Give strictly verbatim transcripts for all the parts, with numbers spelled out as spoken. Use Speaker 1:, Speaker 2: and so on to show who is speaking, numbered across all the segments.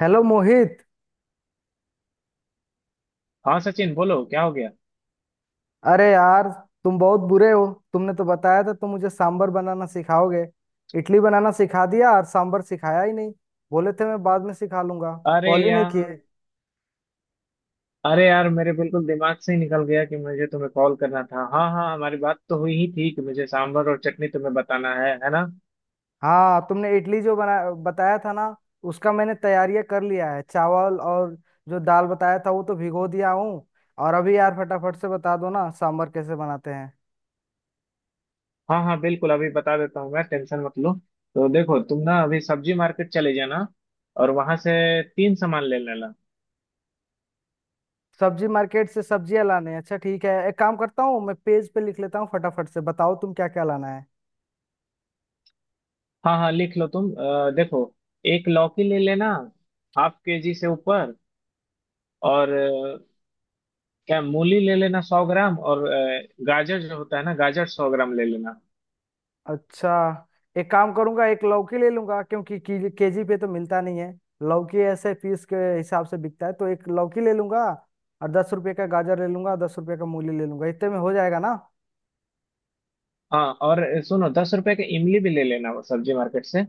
Speaker 1: Hello Mohit.
Speaker 2: हाँ, सचिन बोलो, क्या हो गया।
Speaker 1: अरे यार, तुम बहुत बुरे हो। तुमने तो बताया था तुम मुझे सांबर बनाना सिखाओगे। इडली बनाना सिखा दिया और सांबर सिखाया ही नहीं। बोले थे मैं बाद में सिखा लूंगा।
Speaker 2: अरे
Speaker 1: कॉल ही नहीं किए।
Speaker 2: यार। अरे यार, मेरे बिल्कुल दिमाग से ही निकल गया कि मुझे तुम्हें कॉल करना था। हाँ, हाँ, हमारी बात तो हुई ही थी कि मुझे सांभर और चटनी तुम्हें बताना है है ना।
Speaker 1: हाँ, तुमने इडली जो बना बताया था ना, उसका मैंने तैयारियां कर लिया है। चावल और जो दाल बताया था वो तो भिगो दिया हूँ। और अभी यार फटाफट से बता दो ना, सांबर कैसे बनाते हैं?
Speaker 2: हाँ, हाँ, बिल्कुल। अभी बता देता हूँ मैं, टेंशन मत लो। तो देखो, तुम ना अभी सब्जी मार्केट चले जाना। और वहां से तीन सामान ले लेना।
Speaker 1: सब्जी मार्केट से सब्जियां लाने हैं? अच्छा, ठीक है। एक काम करता हूँ, मैं पेज पे लिख लेता हूँ। फटाफट से बताओ तुम क्या क्या लाना है।
Speaker 2: हाँ, हाँ, लिख लो तुम। अ, देखो, एक लौकी ले लेना। हाफ के जी से ऊपर। और अ, क्या, मूली ले लेना सौ ग्राम। और अ, गाजर, जो होता है ना, गाजर सौ ग्राम ले लेना।
Speaker 1: अच्छा, एक काम करूंगा, एक लौकी ले लूंगा क्योंकि केजी पे तो मिलता नहीं है। लौकी ऐसे पीस के हिसाब से बिकता है, तो एक लौकी ले लूंगा। और दस रुपए का गाजर ले लूंगा, दस रुपए का मूली ले लूंगा, इतने में हो जाएगा ना?
Speaker 2: हाँ, और सुनो, दस रुपए का इमली भी ले लेना वो सब्जी मार्केट से।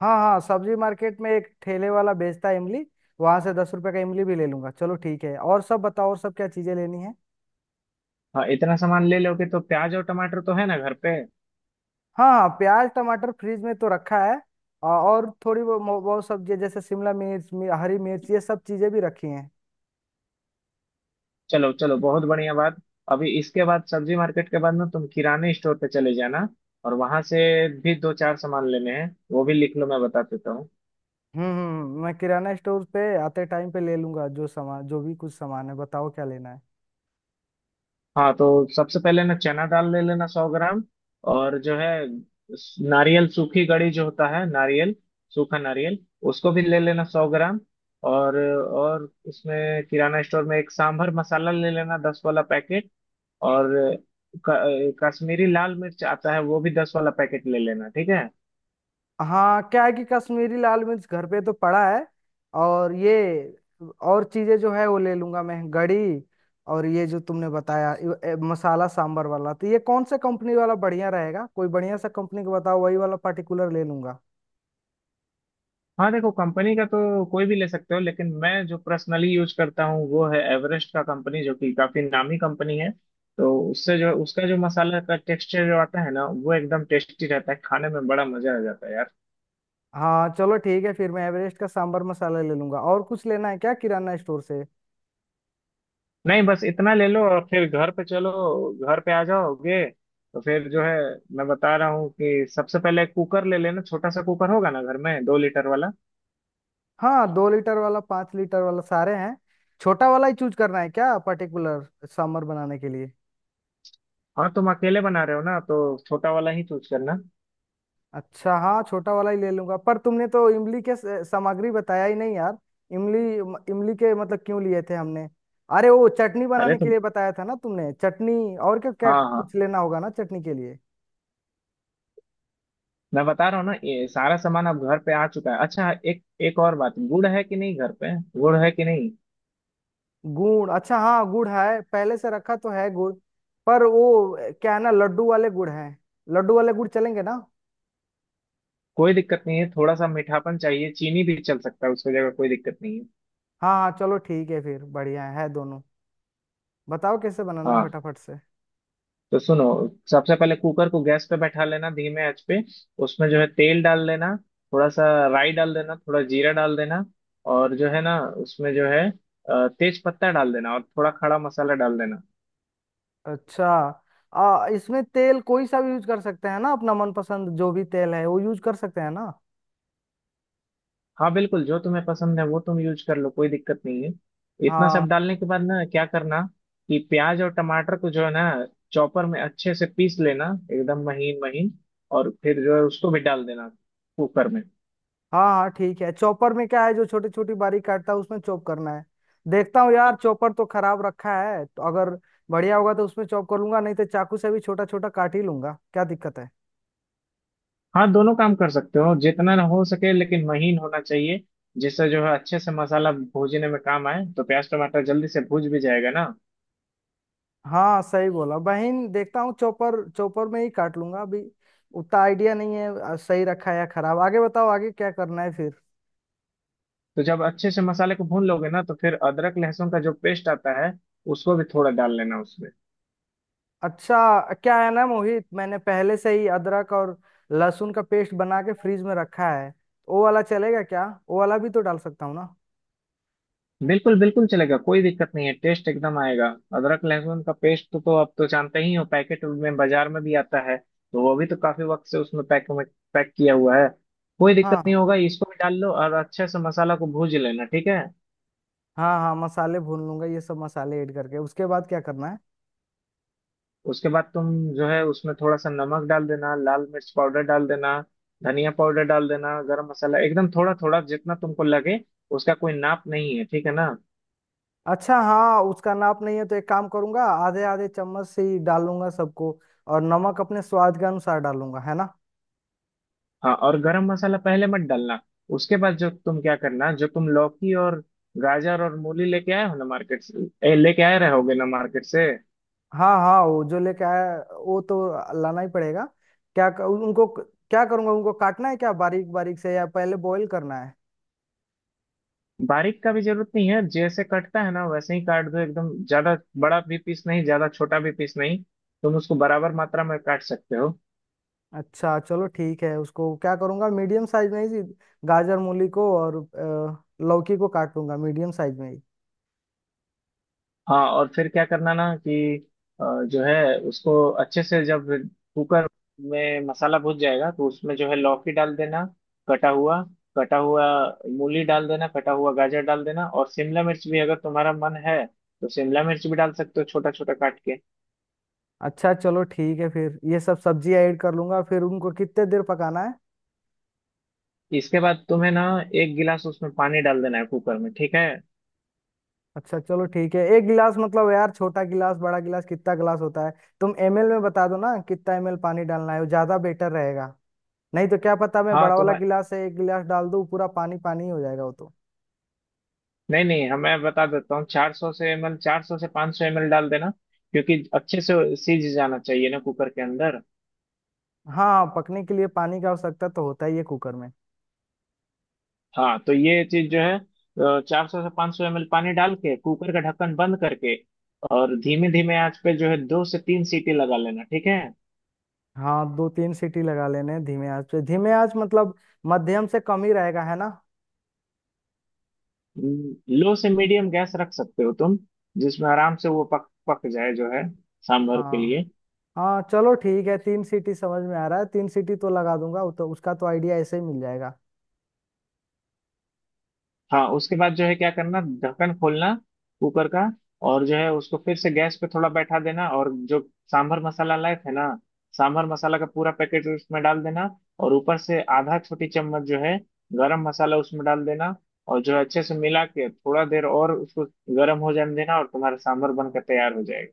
Speaker 1: हाँ हाँ, सब्जी मार्केट में एक ठेले वाला बेचता है इमली। वहां से दस रुपए का इमली भी ले लूंगा। चलो, ठीक है। और सब बताओ, और सब क्या चीजें लेनी है?
Speaker 2: हाँ, इतना सामान ले लोगे। तो प्याज और टमाटर तो है ना घर पे।
Speaker 1: हाँ हाँ, प्याज टमाटर फ्रिज में तो रखा है। और और थोड़ी वो- वो- बहुत सब्जी जैसे शिमला मिर्च मि- हरी मिर्च, ये सब चीजें भी रखी हैं।
Speaker 2: चलो, चलो, बहुत बढ़िया बात। अभी इसके बाद, सब्जी मार्केट के बाद ना, तुम किराने स्टोर पे चले जाना। और वहां से भी दो चार सामान लेने हैं, वो भी लिख लो, मैं बता देता हूँ।
Speaker 1: हम्म हम्म, मैं किराना स्टोर पे आते टाइम पे ले लूंगा जो सामान, जो भी कुछ सामान है बताओ क्या लेना है।
Speaker 2: हाँ, तो सबसे पहले ना चना दाल ले लेना, सौ ग्राम। और जो है, स- नारियल, सूखी गड़ी जो होता है नारियल, सूखा नारियल, उसको भी ले लेना सौ ग्राम। और और इसमें किराना स्टोर में एक सांभर मसाला ले लेना, दस वाला पैकेट। और क- कश्मीरी लाल मिर्च आता है, वो भी दस वाला पैकेट ले लेना, ठीक है।
Speaker 1: हाँ, क्या है कि कश्मीरी लाल मिर्च घर पे तो पड़ा है। और ये और चीजें जो है वो ले लूंगा मैं, गड़ी। और ये जो तुमने बताया यो- ए, मसाला सांबर वाला, तो ये कौन सा कंपनी वाला बढ़िया रहेगा? कोई बढ़िया सा कंपनी का बताओ, वही वाला पर्टिकुलर ले लूंगा।
Speaker 2: हाँ देखो, कंपनी का तो कोई भी ले सकते हो, लेकिन मैं जो पर्सनली यूज करता हूँ वो है एवरेस्ट का कंपनी, जो कि काफी नामी कंपनी है। तो उससे जो, उसका जो मसाला का टेक्सचर जो आता है ना, वो एकदम टेस्टी रहता है, खाने में बड़ा मजा आ जाता है यार।
Speaker 1: हाँ, चलो ठीक है, फिर मैं एवरेस्ट का सांबर मसाला ले लूंगा। और कुछ लेना है क्या किराना स्टोर से?
Speaker 2: नहीं, बस इतना ले लो और फिर घर पे चलो, घर पे आ जाओगे। तो फिर जो है, मैं बता रहा हूँ कि सबसे पहले कुकर ले लेना, छोटा सा कुकर होगा ना घर में, दो लीटर वाला।
Speaker 1: हाँ, दो लीटर वाला, पाँच लीटर वाला सारे हैं। छोटा वाला ही चूज करना है क्या पर्टिकुलर समर बनाने के लिए?
Speaker 2: हाँ, तुम अकेले बना रहे हो ना, तो छोटा वाला ही चूज करना।
Speaker 1: अच्छा, हाँ, छोटा वाला ही ले लूंगा। पर तुमने तो इमली के स- सामग्री बताया ही नहीं यार। इमली म- इमली के मतलब क्यों लिए थे हमने? अरे, वो चटनी
Speaker 2: अरे
Speaker 1: बनाने के
Speaker 2: तुम।
Speaker 1: लिए बताया था ना तुमने, चटनी। और क्या क्या
Speaker 2: हाँ, हाँ,
Speaker 1: कुछ लेना होगा ना चटनी के लिए?
Speaker 2: मैं बता रहा हूँ ना, ये सारा सामान अब घर पे आ चुका है। अच्छा, एक, एक और बात, गुड़ है कि नहीं घर पे। गुड़ है कि नहीं।
Speaker 1: गुड़, अच्छा हाँ, गुड़ है, पहले से रखा तो है गुड़। पर वो अ, क्या है ना, लड्डू वाले गुड़ हैं। लड्डू वाले गुड़ चलेंगे ना?
Speaker 2: कोई दिक्कत नहीं है, थोड़ा सा मीठापन चाहिए, चीनी भी चल सकता है उसकी जगह, कोई दिक्कत नहीं है।
Speaker 1: हाँ हाँ, चलो ठीक है, फिर बढ़िया है है दोनों। बताओ कैसे बनाना है
Speaker 2: हाँ,
Speaker 1: फटाफट से।
Speaker 2: तो सुनो, सबसे पहले कुकर को गैस पे बैठा लेना, धीमे आंच पे। उसमें जो है तेल डाल लेना, थोड़ा सा। राई डाल देना, थोड़ा जीरा डाल देना। और जो है ना, उसमें जो है अ, तेज पत्ता डाल देना, और थोड़ा खड़ा मसाला डाल देना।
Speaker 1: अच्छा, आ, इसमें तेल कोई सा भी यूज कर सकते हैं ना? अपना मनपसंद जो भी तेल है वो यूज कर सकते हैं ना?
Speaker 2: हाँ, बिल्कुल, जो तुम्हें पसंद है वो तुम यूज कर लो, कोई दिक्कत नहीं है। इतना सब
Speaker 1: हाँ
Speaker 2: डालने के बाद ना क्या करना कि प्याज और टमाटर को जो है ना, चॉपर में अच्छे से पीस लेना, एकदम महीन महीन। और फिर जो है उसको भी डाल देना कुकर में।
Speaker 1: हाँ हाँ, ठीक है। चॉपर में क्या है, जो छोटी छोटी बारीक काटता है, उसमें चॉप करना है। देखता हूँ यार, चॉपर तो खराब रखा है, तो अगर बढ़िया होगा तो उसमें चॉप कर लूंगा, नहीं तो चाकू से भी छोटा छोटा काट ही लूंगा, क्या दिक्कत है।
Speaker 2: हाँ, दोनों काम कर सकते हो, जितना हो सके लेकिन महीन होना चाहिए। जिससे जो है अच्छे से मसाला भूनने में काम आए, तो प्याज टमाटर जल्दी से भूज भी जाएगा ना।
Speaker 1: हाँ, सही बोला बहन। देखता हूँ, चॉपर चॉपर में ही काट लूंगा अभी। उतना आइडिया नहीं है आ, सही रखा है या खराब। आगे बताओ, आगे क्या करना है फिर?
Speaker 2: तो जब अच्छे से मसाले को भून लोगे ना, तो फिर अदरक लहसुन का जो पेस्ट आता है, उसको भी थोड़ा डाल लेना उसमें।
Speaker 1: अच्छा, क्या है ना मोहित, मैंने पहले से ही अदरक और लहसुन का पेस्ट बना के फ्रीज में रखा है, तो वो वाला चलेगा क्या? वो वाला भी तो डाल सकता हूँ ना?
Speaker 2: बिल्कुल, बिल्कुल चलेगा, कोई दिक्कत नहीं है, टेस्ट एकदम आएगा। अदरक लहसुन का पेस्ट तो, तो आप तो जानते ही हो, पैकेट में बाजार में भी आता है, तो वो भी तो काफी वक्त से उसमें पैक में पैक किया हुआ है। कोई दिक्कत
Speaker 1: हाँ
Speaker 2: नहीं होगा, इसको भी डाल लो और अच्छे से मसाला को भूज लेना, ठीक है।
Speaker 1: हाँ, हाँ मसाले भून लूंगा, ये सब मसाले ऐड करके उसके बाद क्या करना है?
Speaker 2: उसके बाद तुम जो है उसमें थोड़ा सा नमक डाल देना, लाल मिर्च पाउडर डाल देना, धनिया पाउडर डाल देना। गरम मसाला एकदम थोड़ा थोड़ा, जितना तुमको लगे, उसका कोई नाप नहीं है, ठीक है ना।
Speaker 1: अच्छा हाँ, उसका नाप नहीं है, तो एक काम करूंगा, आधे आधे चम्मच से ही डालूंगा सबको। और नमक अपने स्वाद के अनुसार डालूंगा, है ना?
Speaker 2: हाँ, और गरम मसाला पहले मत डालना। उसके बाद जो तुम क्या करना, जो तुम लौकी और गाजर और मूली लेके आए हो ना मार्केट से, ए, लेके आए रहोगे ना मार्केट से।
Speaker 1: हाँ हाँ, वो जो लेके आया वो तो लाना ही पड़ेगा। क्या क- उनको क्या करूंगा? उनको काटना है क्या, बारीक बारीक से, या पहले बॉईल करना है?
Speaker 2: बारीक का भी जरूरत नहीं है, जैसे कटता है ना वैसे ही काट दो एकदम, ज्यादा बड़ा भी पीस नहीं, ज्यादा छोटा भी पीस नहीं। तुम उसको बराबर मात्रा में काट सकते हो।
Speaker 1: अच्छा, चलो ठीक है, उसको क्या करूंगा, मीडियम साइज में ही गाजर मूली को और अ, लौकी को काट लूंगा मीडियम साइज में ही।
Speaker 2: हाँ, और फिर क्या करना ना कि अ, जो है उसको, अच्छे से जब कुकर में मसाला भुन जाएगा, तो उसमें जो है लौकी डाल देना, कटा हुआ। कटा हुआ मूली डाल देना, कटा हुआ गाजर डाल देना। और शिमला मिर्च भी अगर तुम्हारा मन है तो शिमला मिर्च भी डाल सकते हो, छोटा छोटा काट के।
Speaker 1: अच्छा, चलो ठीक है, फिर ये सब सब्जी ऐड कर लूंगा। फिर उनको कितने देर पकाना है?
Speaker 2: इसके बाद तुम्हें ना एक गिलास उसमें पानी डाल देना है कुकर में, ठीक है।
Speaker 1: अच्छा, चलो ठीक है, एक गिलास मतलब यार, छोटा गिलास, बड़ा गिलास, कितना गिलास होता है? तुम एमएल में बता दो ना कितना एमएल पानी डालना है, वो ज्यादा बेटर रहेगा। नहीं तो क्या पता, मैं
Speaker 2: हाँ,
Speaker 1: बड़ा
Speaker 2: तो
Speaker 1: वाला
Speaker 2: मैं,
Speaker 1: गिलास है एक गिलास डाल दूं, पूरा पानी पानी हो जाएगा वो तो।
Speaker 2: नहीं नहीं, हाँ, मैं बता देता हूँ, चार सौ से एम एल, चार सौ से पाँच सौ एम एल डाल देना। क्योंकि अच्छे से सीज जाना चाहिए ना कुकर के अंदर।
Speaker 1: हाँ, पकने के लिए पानी की आवश्यकता तो होता ही है कुकर में।
Speaker 2: हाँ, तो ये चीज जो है, चार सौ से पांच सौ एम एल पानी डाल के कुकर का ढक्कन बंद करके, और धीमे धीमे आंच पे जो है दो से तीन सीटी लगा लेना, ठीक है।
Speaker 1: हाँ, दो तीन सीटी लगा लेने हैं धीमे आंच पे। धीमे आंच मतलब मध्यम से कम ही रहेगा है ना?
Speaker 2: लो से मीडियम गैस रख सकते हो तुम, जिसमें आराम से वो पक पक जाए जो है सांभर के
Speaker 1: हाँ
Speaker 2: लिए।
Speaker 1: हाँ, चलो ठीक है, तीन सीटी समझ में आ रहा है, तीन सीटी तो लगा दूंगा, वो तो उसका तो आइडिया ऐसे ही मिल जाएगा।
Speaker 2: हाँ, उसके बाद जो है क्या करना, ढक्कन खोलना कुकर का, और जो है उसको फिर से गैस पे थोड़ा बैठा देना। और जो सांभर मसाला लाए थे ना, सांभर मसाला का पूरा पैकेट उसमें डाल देना। और ऊपर से आधा छोटी चम्मच जो है गरम मसाला उसमें डाल देना। और जो है अच्छे से मिला के थोड़ा देर और उसको गर्म हो जाने देना, और तुम्हारा सांभर बनकर तैयार हो जाएगा।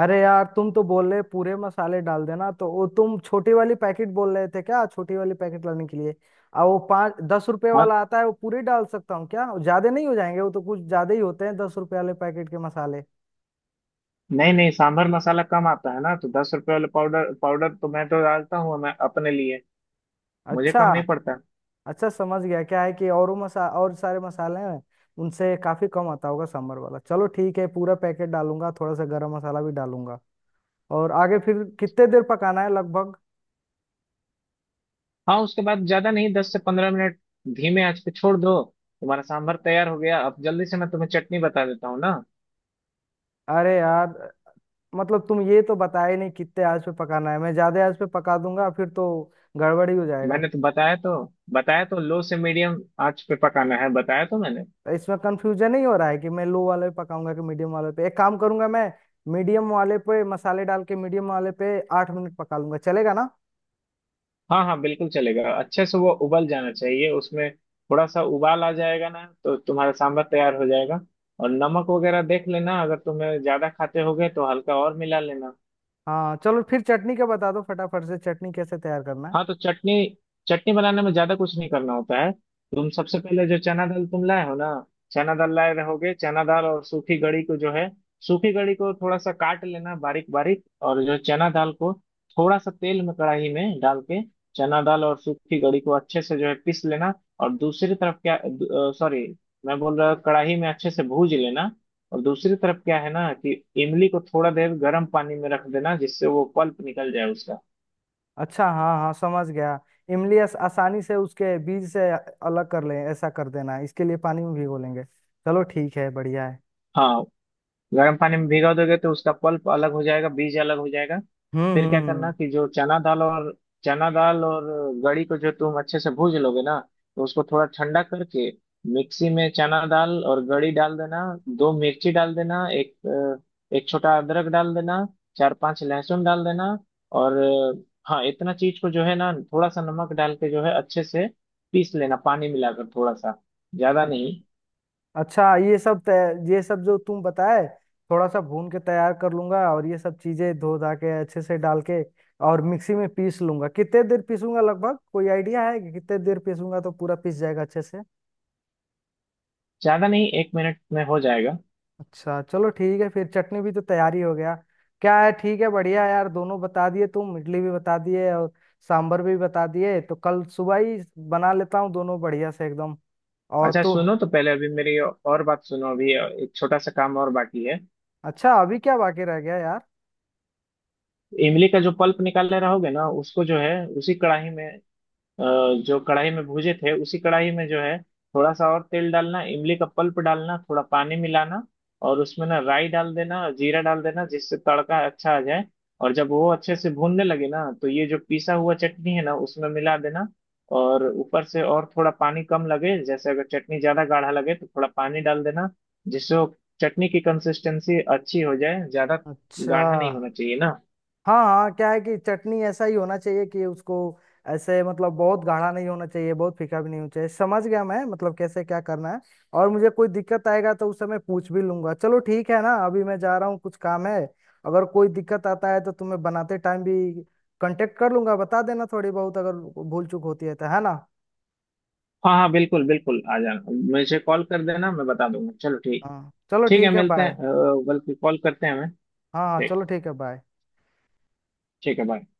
Speaker 1: अरे यार, तुम तो बोल रहे पूरे मसाले डाल देना, तो वो तुम छोटी वाली पैकेट बोल रहे थे क्या, छोटी वाली पैकेट लाने के लिए? और वो पाँच दस रुपए
Speaker 2: हाँ,
Speaker 1: वाला आता है, वो पूरी डाल सकता हूँ क्या? वो ज्यादा नहीं हो जाएंगे? वो तो कुछ ज्यादा ही होते हैं दस रुपए वाले पैकेट के मसाले।
Speaker 2: नहीं नहीं, सांभर मसाला कम आता है ना, तो दस रुपए वाला पाउडर पाउडर तो मैं तो डालता हूँ मैं अपने लिए, मुझे
Speaker 1: अच्छा,
Speaker 2: कम नहीं पड़ता।
Speaker 1: अच्छा समझ गया। क्या है कि और वो मसा और सारे मसाले हैं, उनसे काफी कम आता होगा सांभर वाला। चलो, ठीक है, पूरा पैकेट डालूंगा, थोड़ा सा गरम मसाला भी डालूंगा। और आगे फिर कितने देर पकाना है लगभग?
Speaker 2: हाँ, उसके बाद ज्यादा नहीं, दस से पंद्रह मिनट धीमे आंच पे छोड़ दो। तुम्हारा सांभर तैयार हो गया, अब जल्दी से मैं तुम्हें चटनी बता देता हूँ ना।
Speaker 1: अरे यार, मतलब तुम ये तो बताया ही नहीं कितने आंच पे पकाना है। मैं ज्यादा आंच पे पका दूंगा फिर तो गड़बड़ी हो जाएगा।
Speaker 2: मैंने तो बताया तो, बताया तो लो से मीडियम आंच पे पकाना है, बताया तो मैंने।
Speaker 1: इसमें कंफ्यूजन नहीं हो रहा है कि मैं लो वाले पे पकाऊंगा कि मीडियम वाले पे। एक काम करूंगा मैं, मीडियम वाले पे मसाले डाल के, मीडियम वाले पे आठ मिनट पका लूंगा, चलेगा ना?
Speaker 2: हाँ, हाँ, बिल्कुल चलेगा, अच्छे से वो उबल जाना चाहिए, उसमें थोड़ा सा उबाल आ जाएगा ना, तो तुम्हारा सांभर तैयार हो जाएगा। और नमक वगैरह देख लेना, अगर तुम्हें ज्यादा खाते होगे तो हल्का और मिला लेना।
Speaker 1: हाँ, चलो फिर चटनी का बता दो फटाफट से, चटनी कैसे तैयार करना है?
Speaker 2: हाँ, तो चटनी, चटनी बनाने में ज्यादा कुछ नहीं करना होता है। तुम सबसे पहले जो चना दाल तुम लाए हो ना, चना दाल लाए रहोगे, चना दाल और सूखी गड़ी को जो है, सूखी गड़ी को थोड़ा सा काट लेना बारीक बारीक। और जो चना दाल को थोड़ा सा तेल में कढ़ाई में डाल के, चना दाल और सूखी गड़ी को अच्छे से जो है पीस लेना। और दूसरी तरफ क्या, सॉरी, मैं बोल रहा कढ़ाई में अच्छे से भूज लेना। और दूसरी तरफ क्या है ना कि इमली को थोड़ा देर गर्म पानी में रख देना, जिससे वो पल्प निकल जाए उसका।
Speaker 1: अच्छा हाँ हाँ, समझ गया। इमली आस, आसानी से उसके बीज से अलग कर लें, ऐसा कर देना। इसके लिए पानी में भिगो लेंगे। चलो ठीक है, बढ़िया है।
Speaker 2: हाँ, गर्म पानी में भिगा दोगे तो उसका पल्प अलग हो जाएगा, बीज अलग हो जाएगा।
Speaker 1: हम्म
Speaker 2: फिर
Speaker 1: हम्म
Speaker 2: क्या करना
Speaker 1: हम्म।
Speaker 2: कि जो चना दाल और चना दाल और गड़ी को जो तुम अच्छे से भूज लोगे ना, तो उसको थोड़ा ठंडा करके मिक्सी में चना दाल और गड़ी डाल देना। दो मिर्ची डाल देना, एक अ, एक छोटा अदरक डाल देना, चार पांच लहसुन डाल देना। और अ, हाँ, इतना चीज को जो है ना थोड़ा सा नमक डाल के जो है अच्छे से पीस लेना, पानी मिलाकर थोड़ा सा, ज्यादा
Speaker 1: अ-
Speaker 2: नहीं।
Speaker 1: अच्छा, ये सब तै- ये सब जो तुम बताए थोड़ा सा भून के तैयार कर लूंगा, और ये सब चीजें धो धा के अच्छे से डाल के और मिक्सी में पीस लूंगा। कितने देर पीसूंगा लगभग, कोई आइडिया है कि कितने देर पीसूंगा तो पूरा पीस जाएगा अच्छे से?
Speaker 2: ज्यादा नहीं, एक मिनट में हो जाएगा।
Speaker 1: अच्छा, चलो ठीक है, फिर चटनी भी तो तैयारी हो गया क्या है। ठीक है, बढ़िया है यार, दोनों बता दिए तुम, इडली भी बता दिए और सांभर भी बता दिए, तो कल सुबह ही बना लेता हूँ दोनों बढ़िया से एकदम। और
Speaker 2: अच्छा
Speaker 1: तो
Speaker 2: सुनो, तो पहले अभी मेरी और बात सुनो। अभी एक छोटा सा काम और बाकी है।
Speaker 1: अच्छा, अभी क्या बाकी रह गया यार?
Speaker 2: इमली का जो पल्प निकाले रहोगे ना, उसको जो है उसी कढ़ाई में, अ, जो कढ़ाई में भूजे थे, उसी कढ़ाई में जो है थोड़ा सा और तेल डालना, इमली का पल्प डालना, थोड़ा पानी मिलाना। और उसमें ना राई डाल देना, जीरा डाल देना, जिससे तड़का अच्छा आ जाए। और जब वो अच्छे से भूनने लगे ना, तो ये जो पिसा हुआ चटनी है ना, उसमें मिला देना। और ऊपर से और थोड़ा पानी कम लगे, जैसे अगर चटनी ज्यादा गाढ़ा लगे तो थोड़ा पानी डाल देना, जिससे वो चटनी की कंसिस्टेंसी अच्छी हो जाए। ज्यादा
Speaker 1: अच्छा,
Speaker 2: गाढ़ा नहीं होना चाहिए ना।
Speaker 1: हाँ हाँ, क्या है कि चटनी ऐसा ही होना चाहिए कि उसको ऐसे, मतलब बहुत गाढ़ा नहीं होना चाहिए, बहुत फीका भी नहीं होना चाहिए। समझ गया मैं, मतलब कैसे क्या करना है। और मुझे कोई दिक्कत आएगा तो उस समय पूछ भी लूंगा। चलो ठीक है ना, अभी मैं जा रहा हूँ, कुछ काम है। अगर कोई दिक्कत आता है तो तुम्हें बनाते टाइम भी कांटेक्ट कर लूंगा, बता देना थोड़ी बहुत अगर भूल चूक होती है तो, है ना?
Speaker 2: हाँ, हाँ, बिल्कुल, बिल्कुल, आ जाना, मुझे कॉल कर देना, मैं बता दूंगा। चलो ठीक।
Speaker 1: हाँ, चलो
Speaker 2: ठीक है,
Speaker 1: ठीक है,
Speaker 2: मिलते हैं,
Speaker 1: बाय।
Speaker 2: अ, बल्कि कॉल करते हैं हमें।
Speaker 1: हाँ हाँ,
Speaker 2: ठीक।
Speaker 1: चलो ठीक है, बाय।
Speaker 2: ठीक है, बाय।